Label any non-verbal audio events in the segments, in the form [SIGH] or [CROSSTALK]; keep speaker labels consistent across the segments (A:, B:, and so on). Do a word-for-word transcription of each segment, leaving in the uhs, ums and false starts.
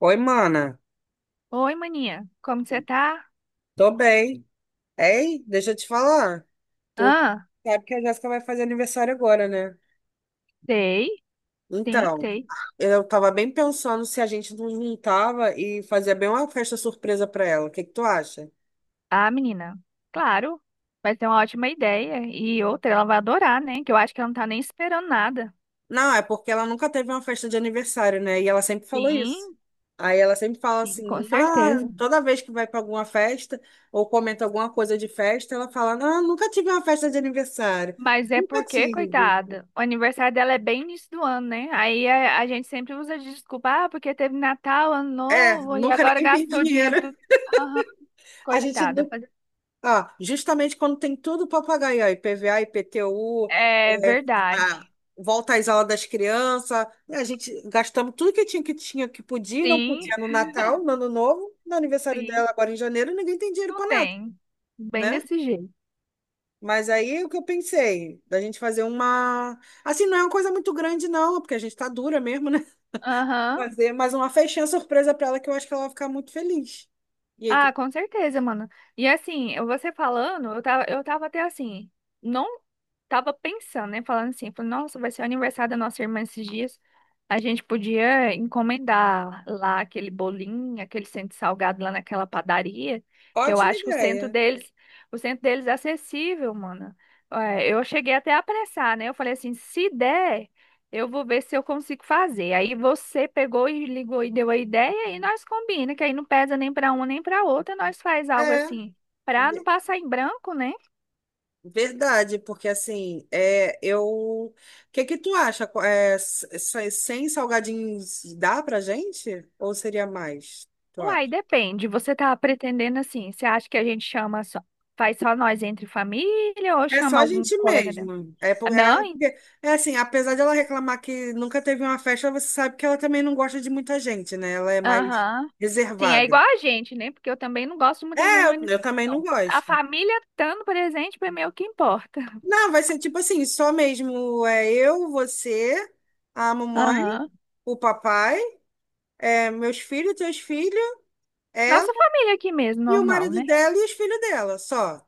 A: Oi, mana.
B: Oi, maninha. Como você tá?
A: Tô bem. Ei, deixa eu te falar. Tu
B: Ah,
A: sabe que a Jéssica vai fazer aniversário agora, né?
B: sei. Sim,
A: Então,
B: sei.
A: eu tava bem pensando se a gente não juntava e fazia bem uma festa surpresa pra ela. O que que tu acha?
B: Ah, menina. Claro. Vai ser uma ótima ideia. E outra, ela vai adorar, né? Que eu acho que ela não tá nem esperando nada.
A: Não, é porque ela nunca teve uma festa de aniversário, né? E ela sempre falou isso.
B: Sim,
A: Aí ela sempre fala
B: sim, com
A: assim, ah,
B: certeza.
A: toda vez que vai pra alguma festa ou comenta alguma coisa de festa, ela fala, não, nunca tive uma festa de aniversário.
B: Mas é
A: Nunca
B: porque,
A: tive.
B: coitada, o aniversário dela é bem início do ano, né? Aí a, a gente sempre usa de desculpa, ah, porque teve Natal, Ano
A: É,
B: Novo, e
A: nunca
B: agora
A: ninguém tem
B: gastou o
A: dinheiro.
B: dinheiro tudo. Aham,
A: A gente
B: coitada.
A: não.
B: Faz-
A: Ah, justamente quando tem tudo para pagar, aí, ó, I P V A, I P T U,
B: É
A: é, a-
B: verdade.
A: volta às aulas das crianças, né, a gente gastamos tudo que tinha, que tinha, que podia e não
B: Sim,
A: podia no Natal, no Ano Novo, no aniversário
B: sim.
A: dela agora em janeiro, ninguém tem dinheiro
B: Não
A: para nada,
B: tem. Bem
A: né?
B: desse jeito.
A: Mas aí o que eu pensei, da gente fazer uma. Assim, não é uma coisa muito grande, não, porque a gente tá dura mesmo, né? [LAUGHS]
B: Aham.
A: Fazer mais uma festinha surpresa para ela que eu acho que ela vai ficar muito feliz. E aí, que
B: Ah, com certeza, mano. E assim, eu- você falando, eu tava, eu tava até assim, não tava pensando, né? Falando assim, falei, nossa, vai ser o aniversário da nossa irmã esses dias. A gente podia encomendar lá aquele bolinho, aquele centro salgado lá naquela padaria, que eu
A: ótima
B: acho que o centro
A: ideia.
B: deles, o centro deles é acessível, mano. É, eu cheguei até a apressar, né? Eu falei assim, se der. Eu vou ver se eu consigo fazer. Aí você pegou e ligou e deu a ideia e nós combina, que aí não pesa nem para uma nem para outra, nós faz algo
A: É.
B: assim, para não passar em branco, né?
A: Verdade, porque assim, é, eu, o que que tu acha? Qu- É, s- s- sem salgadinhos dá pra gente? Ou seria mais? Tu
B: Uai,
A: acha?
B: depende. Você tá pretendendo assim, você acha que a gente chama só, faz só nós entre família ou
A: É só
B: chama
A: a
B: algum
A: gente
B: colega dela?
A: mesmo. É, por- é,
B: Não? en-
A: porque- é assim, apesar de ela reclamar que nunca teve uma festa, você sabe que ela também não gosta de muita gente, né? Ela é mais
B: Aham. Sim, é
A: reservada.
B: igual a gente, né? Porque eu também não gosto de muita gente
A: É,
B: de
A: eu, eu também não
B: manifestação. A
A: gosto.
B: família estando presente para mim é o que importa.
A: Não, vai ser tipo assim, só mesmo é eu, você, a mamãe,
B: Aham.
A: o papai, é, meus filhos, teus filhos.
B: Nossa família aqui mesmo,
A: E o
B: normal,
A: marido
B: né?
A: dela e os filhos dela, só.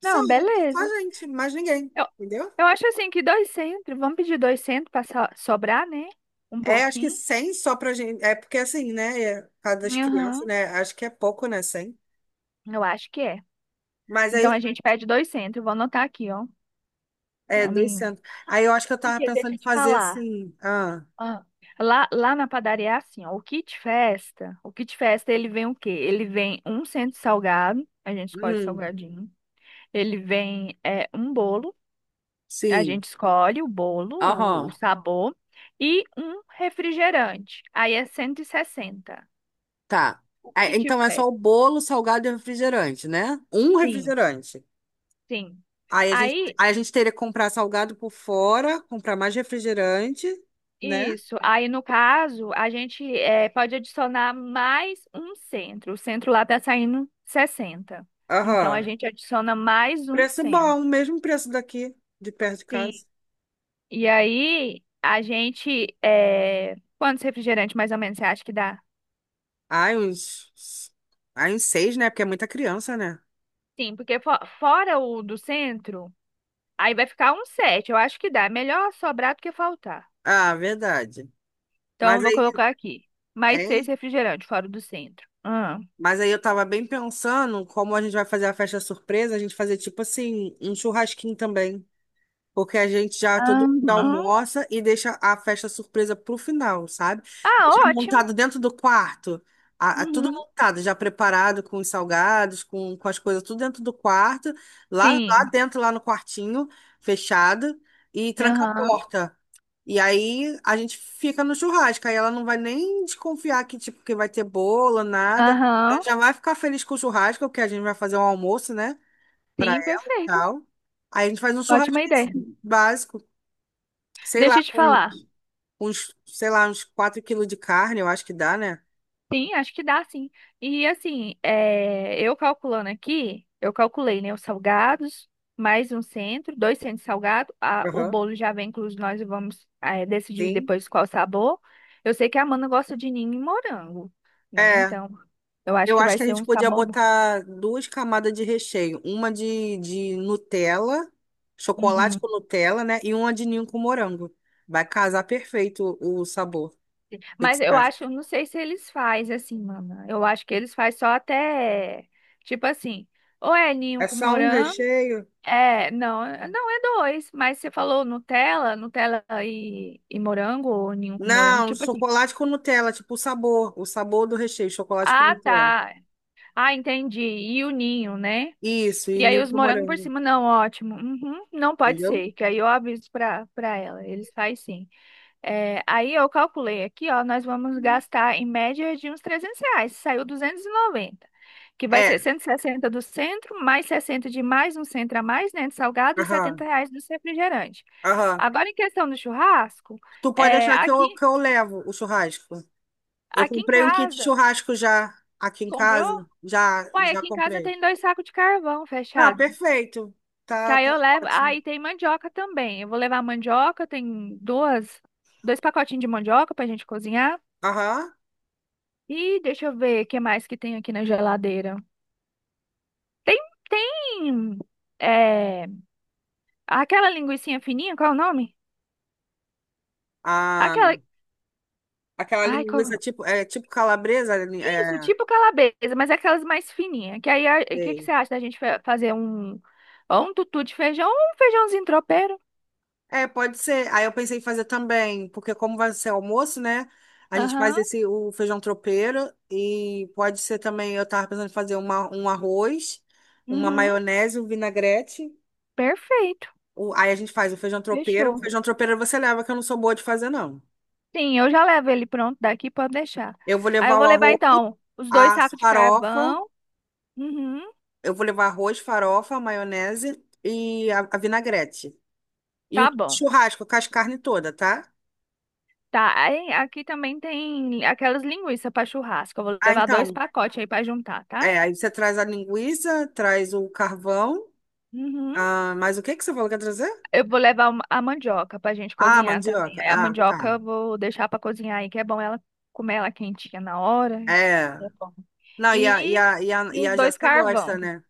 A: Só,
B: Não,
A: só
B: beleza.
A: a gente, mais ninguém,
B: Eu,
A: entendeu?
B: eu acho assim que dois centros, vamos pedir dois centros para sobrar, né? Um
A: É, acho que
B: pouquinho.
A: cem só pra gente. É porque assim, né? É, por causa das crianças,
B: Aham,
A: né? Acho que é pouco, né? Cem.
B: eu acho que é.
A: Mas
B: Então a
A: aí,
B: gente pede dois centros, vou anotar aqui, ó,
A: é
B: pra mim.
A: duzentos. Aí eu acho que eu tava
B: Porque
A: pensando
B: deixa
A: em
B: eu te
A: fazer
B: falar.
A: assim. Ah,
B: ah, lá, lá na padaria é assim, ó, o kit festa, o kit festa ele vem o quê? Ele vem um centro salgado, a gente escolhe o
A: hum,
B: salgadinho. Ele vem é, um bolo, a
A: sim.
B: gente escolhe o bolo, o o
A: Aham,
B: sabor. E um refrigerante. Aí é cento e sessenta.
A: tá.
B: O
A: Ah,
B: kit
A: então é só
B: fé.
A: o bolo, salgado e refrigerante, né? Um
B: Sim,
A: refrigerante.
B: sim.
A: Aí a gente,
B: Aí,
A: aí a gente teria que comprar salgado por fora, comprar mais refrigerante, né?
B: isso. Aí, no caso, a gente eh, pode adicionar mais um centro. O centro lá tá saindo sessenta. Então, a
A: Aham.
B: gente adiciona mais um
A: Preço
B: centro.
A: bom, mesmo preço daqui, de perto de
B: Sim.
A: casa.
B: E aí, a gente. eh, quantos refrigerantes mais ou menos você acha que dá?
A: Ai, uns. Ai, uns seis, né? Porque é muita criança, né?
B: Sim, porque fo- fora o do centro, aí vai ficar um sete. Eu acho que dá. É melhor sobrar do que faltar.
A: Ah, verdade.
B: Então,
A: Mas
B: eu vou
A: aí,
B: colocar aqui. Mais seis
A: hein?
B: refrigerantes fora o do centro.
A: Mas aí eu tava bem pensando como a gente vai fazer a festa surpresa, a gente fazer tipo assim, um churrasquinho também. Porque a gente já todo
B: Aham.
A: mundo almoça e deixa a festa surpresa pro final, sabe? Deixa
B: Ah, ótimo.
A: montado dentro do quarto, a, a- tudo
B: Uhum.
A: montado, já preparado com os salgados, com, com as coisas, tudo dentro do quarto, lá, lá
B: Sim.
A: dentro, lá no quartinho, fechado, e tranca a
B: Aham.
A: porta. E aí a gente fica no churrasco, aí ela não vai nem desconfiar que, tipo, que vai ter bolo, nada. Ela
B: Aham.
A: já vai ficar feliz com o churrasco, porque a gente vai fazer um almoço, né? Pra
B: Sim,
A: ela e
B: perfeito.
A: tal. Aí a gente faz um
B: Ótima
A: churrasquinho
B: ideia.
A: assim, básico, sei lá,
B: Deixa eu te
A: com
B: falar.
A: uns, sei lá, uns quatro quilos de carne, eu acho que dá, né?
B: Sim, acho que dá, sim. E assim, é, eu calculando aqui, eu calculei, né, os salgados, mais um centro, dois centros salgados. A o
A: Aham.
B: bolo já vem incluso, nós vamos, é, decidir
A: Sim.
B: depois qual sabor. Eu sei que a Amanda gosta de ninho e morango, né?
A: É,
B: Então, eu acho
A: eu
B: que
A: acho
B: vai
A: que a
B: ser
A: gente
B: um
A: podia
B: sabor bom.
A: botar duas camadas de recheio, uma de, de Nutella, chocolate
B: Uhum.
A: com Nutella, né? E uma de ninho com morango. Vai casar perfeito o, o sabor. O que que
B: Mas
A: você
B: eu
A: acha?
B: acho, eu não sei se eles fazem assim, mana. Eu acho que eles fazem só até, tipo assim, ou é ninho
A: É
B: com
A: só um
B: morango,
A: recheio?
B: é, não, é- não é dois, mas você falou Nutella, Nutella e, e morango, ou ninho com morango,
A: Não,
B: tipo assim.
A: chocolate com Nutella, tipo o sabor, o sabor do recheio, chocolate com
B: Ah,
A: Nutella.
B: tá. Ah, entendi. E o ninho, né?
A: Isso, e
B: E aí
A: ninho
B: os
A: com
B: morangos por
A: morango.
B: cima, não, ótimo. Uhum, não pode
A: Entendeu?
B: ser, que aí eu aviso pra, pra ela. Eles fazem sim. É, aí eu calculei aqui, ó, nós vamos gastar em média de uns trezentos reais. Saiu duzentos e noventa, que vai
A: É,
B: ser cento e sessenta do centro, mais sessenta de mais um centro a mais, né, de salgado, e setenta
A: aham,
B: reais do refrigerante.
A: aham.
B: Agora, em questão do churrasco,
A: Tu pode
B: é,
A: achar que
B: aqui,
A: eu, que eu levo o churrasco. Eu
B: aqui em
A: comprei um kit
B: casa,
A: churrasco já aqui em
B: comprou?
A: casa. Já,
B: Uai,
A: já
B: aqui em casa
A: comprei.
B: tem dois sacos de carvão
A: Ah,
B: fechado.
A: perfeito.
B: Que
A: Tá,
B: aí
A: tá
B: eu levo. Ah,
A: ótimo.
B: e tem mandioca também. Eu vou levar mandioca, tem duas, dois pacotinhos de mandioca pra gente cozinhar.
A: Aham.
B: E deixa eu ver o que mais que tem aqui na geladeira. Tem, tem é, aquela linguicinha fininha, qual é o nome?
A: Ah,
B: Aquela,
A: aquela
B: ai, qual...
A: linguiça tipo, é, tipo calabresa.
B: Isso,
A: É, é,
B: tipo calabresa, mas é aquelas mais fininhas. Que aí, o que que você
A: sei.
B: acha da gente fa- fazer um, ou um tutu de feijão, ou um feijãozinho tropeiro?
A: É, pode ser. Aí eu pensei em fazer também, porque como vai ser almoço, né? A gente faz
B: Aham,
A: esse o feijão tropeiro e pode ser também, eu tava pensando em fazer uma, um arroz, uma
B: uhum,
A: maionese, um vinagrete.
B: perfeito,
A: O- aí a gente faz o feijão tropeiro. O
B: fechou.
A: feijão tropeiro você leva, que eu não sou boa de fazer, não.
B: Sim, eu já levo ele pronto daqui, pode deixar.
A: Eu vou
B: Aí eu
A: levar
B: vou
A: o
B: levar,
A: arroz,
B: então, os dois
A: a
B: sacos de
A: farofa,
B: carvão. Uhum,
A: eu vou levar arroz, farofa, maionese e a, a vinagrete. E o
B: tá bom.
A: churrasco com as carnes todas, tá?
B: Tá, aí, aqui também tem aquelas linguiças para churrasco. Eu vou
A: Ah,
B: levar dois
A: então.
B: pacotes aí para juntar, tá?
A: É, aí você traz a linguiça, traz o carvão.
B: Uhum.
A: Ah, mas o que que você falou que ia trazer?
B: Eu vou levar uma- a mandioca pra gente
A: Ah,
B: cozinhar também.
A: mandioca.
B: Aí a
A: Ah,
B: mandioca
A: tá.
B: eu vou deixar para cozinhar aí, que é bom ela comer ela quentinha na hora.
A: É.
B: É bom.
A: Não, e a, e
B: E,
A: a, e a,
B: e
A: e
B: os
A: a
B: dois
A: Jéssica
B: carvão,
A: gosta, né?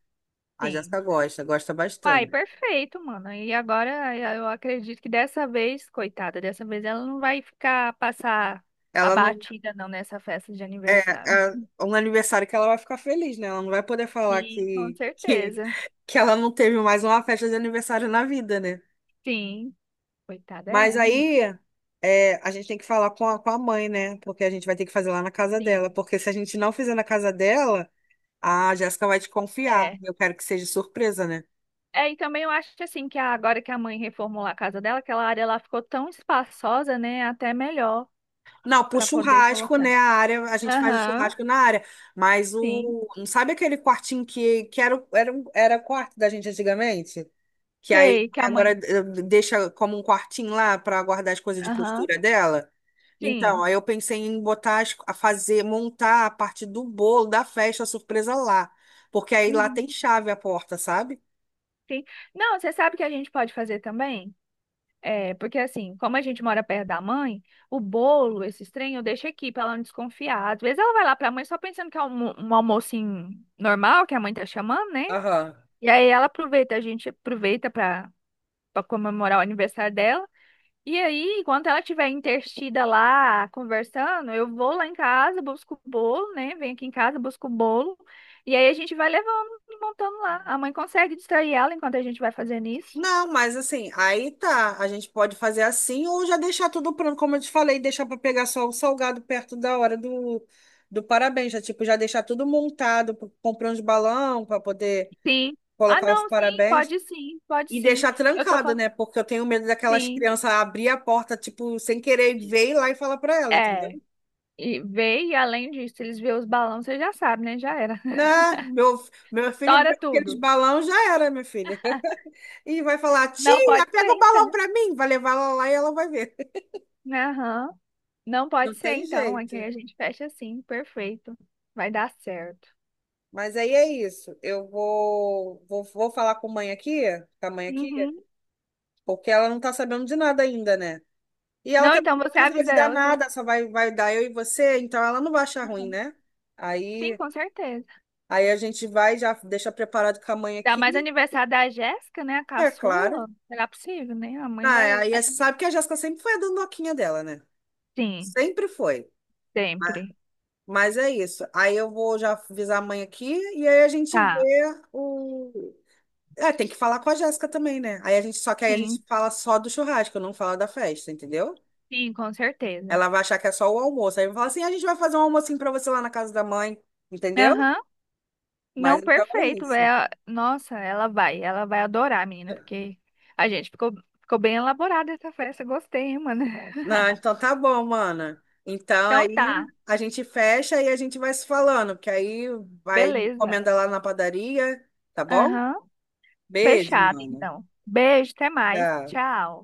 A: A
B: sim.
A: Jéssica gosta, gosta
B: Ai,
A: bastante.
B: perfeito, mano. E agora eu acredito que dessa vez, coitada, dessa vez ela não vai ficar passar
A: Ela não.
B: abatida não nessa festa de aniversário.
A: É, é um aniversário que ela vai ficar feliz, né? Ela não vai poder falar
B: Sim, com
A: que, que,
B: certeza.
A: que ela não teve mais uma festa de aniversário na vida, né?
B: Sim. Coitada, é
A: Mas
B: ruim.
A: aí. É, a gente tem que falar com a, com a mãe, né? Porque a gente vai ter que fazer lá na casa dela.
B: Sim.
A: Porque se a gente não fizer na casa dela. Ah, a Jéssica vai te confiar.
B: É.
A: Eu quero que seja surpresa, né?
B: É, e também eu acho assim que a agora que a mãe reformulou a casa dela, aquela área lá ficou tão espaçosa, né? é Até melhor
A: Não, pro
B: para poder
A: churrasco, né?
B: colocar.
A: A área, a gente faz o
B: Aham,
A: churrasco na área. Mas
B: sim.
A: o. Não sabe aquele quartinho que, que era, o- era, um- era quarto da gente antigamente? Que aí
B: Sei que a
A: agora
B: mãe.
A: eh, deixa como um quartinho lá para guardar as coisas de
B: Aham,
A: costura dela? Então,
B: sim.
A: aí eu pensei em botar, as- a fazer, montar a parte do bolo da festa surpresa lá. Porque aí lá tem
B: Uhum,
A: chave a porta, sabe?
B: sim. Não, você sabe o que a gente pode fazer também? É, porque assim, como a gente mora perto da mãe, o bolo, esse trem, eu deixo aqui pra ela não desconfiar. Às vezes ela vai lá pra mãe só pensando que é um, um almoço normal, que a mãe tá chamando, né?
A: Aham.
B: E aí ela aproveita, a gente aproveita para para comemorar o aniversário dela. E aí, enquanto ela estiver interstida lá conversando, eu vou lá em casa, busco o bolo, né? Venho aqui em casa, busco o bolo. E aí a gente vai levando e montando lá. A mãe consegue distrair ela enquanto a gente vai fazendo isso?
A: Não, mas assim, aí tá. A gente pode fazer assim ou já deixar tudo pronto, como eu te falei, deixar para pegar só o salgado perto da hora do, do parabéns. Já, tipo, já deixar tudo montado, p- comprar uns balão para poder
B: Sim. Ah,
A: colocar os
B: não, sim,
A: parabéns
B: pode sim, pode
A: e
B: sim.
A: deixar
B: Eu tô
A: trancado,
B: falando,
A: né? Porque eu tenho medo daquelas
B: sim.
A: crianças abrir a porta, tipo, sem querer ver e lá e falar para ela,
B: É.
A: entendeu?
B: E vê, e além disso, eles vê os balões, você já sabe, né? Já era.
A: Não, meu, meu
B: [LAUGHS]
A: filho
B: Tora
A: abriu aqueles
B: tudo.
A: balão, já era, minha filha. [LAUGHS] E vai falar,
B: Não
A: tia,
B: pode ser,
A: pega o balão
B: então.
A: para mim. Vai levar ela lá e ela vai ver.
B: né? Aham. Não
A: [LAUGHS] Não
B: pode ser,
A: tem
B: então. Aqui
A: jeito.
B: a gente fecha assim, perfeito. Vai dar certo.
A: Mas aí é isso. Eu vou, vou, vou falar com a mãe aqui, com a mãe aqui,
B: Uhum.
A: porque ela não tá sabendo de nada ainda, né? E ela
B: Não,
A: também
B: então
A: não
B: você
A: precisa de
B: avisa
A: dar
B: ela que eu.
A: nada, só vai, vai dar eu e você, então ela não vai achar ruim, né?
B: Sim,
A: Aí,
B: com certeza.
A: aí a gente vai, já deixa preparado com a mãe
B: Dá
A: aqui,
B: mais aniversário da Jéssica, né? A
A: é claro.
B: caçula. Será possível, né? A mãe
A: Ah, é,
B: vai.
A: aí
B: vai-
A: você sabe que a Jéssica sempre foi a dondoquinha dela, né?
B: Sim,
A: Sempre foi.
B: sempre.
A: Mas é isso. Aí eu vou já avisar a mãe aqui e aí a gente
B: Tá.
A: vê o. É, tem que falar com a Jéssica também, né? Aí a gente, só que aí a gente
B: Sim,
A: fala só do churrasco, não fala da festa, entendeu?
B: sim, com certeza.
A: Ela vai achar que é só o almoço. Aí vai falar assim, a gente vai fazer um almocinho pra você lá na casa da mãe, entendeu?
B: Aham.
A: Mas
B: Não,
A: então é
B: perfeito.
A: isso.
B: É... Nossa, ela vai. Ela vai. Adorar, menina, porque a gente ficou, ficou bem elaborada essa festa. Gostei, hein, mano.
A: Não,
B: [LAUGHS]
A: então tá bom, mana. Então
B: Então
A: aí
B: tá.
A: a gente fecha e a gente vai se falando, porque aí vai
B: Beleza.
A: encomenda lá na padaria, tá bom?
B: Aham.
A: Beijo,
B: Fechado,
A: mana.
B: então. Beijo, até mais.
A: Tchau.
B: Tchau.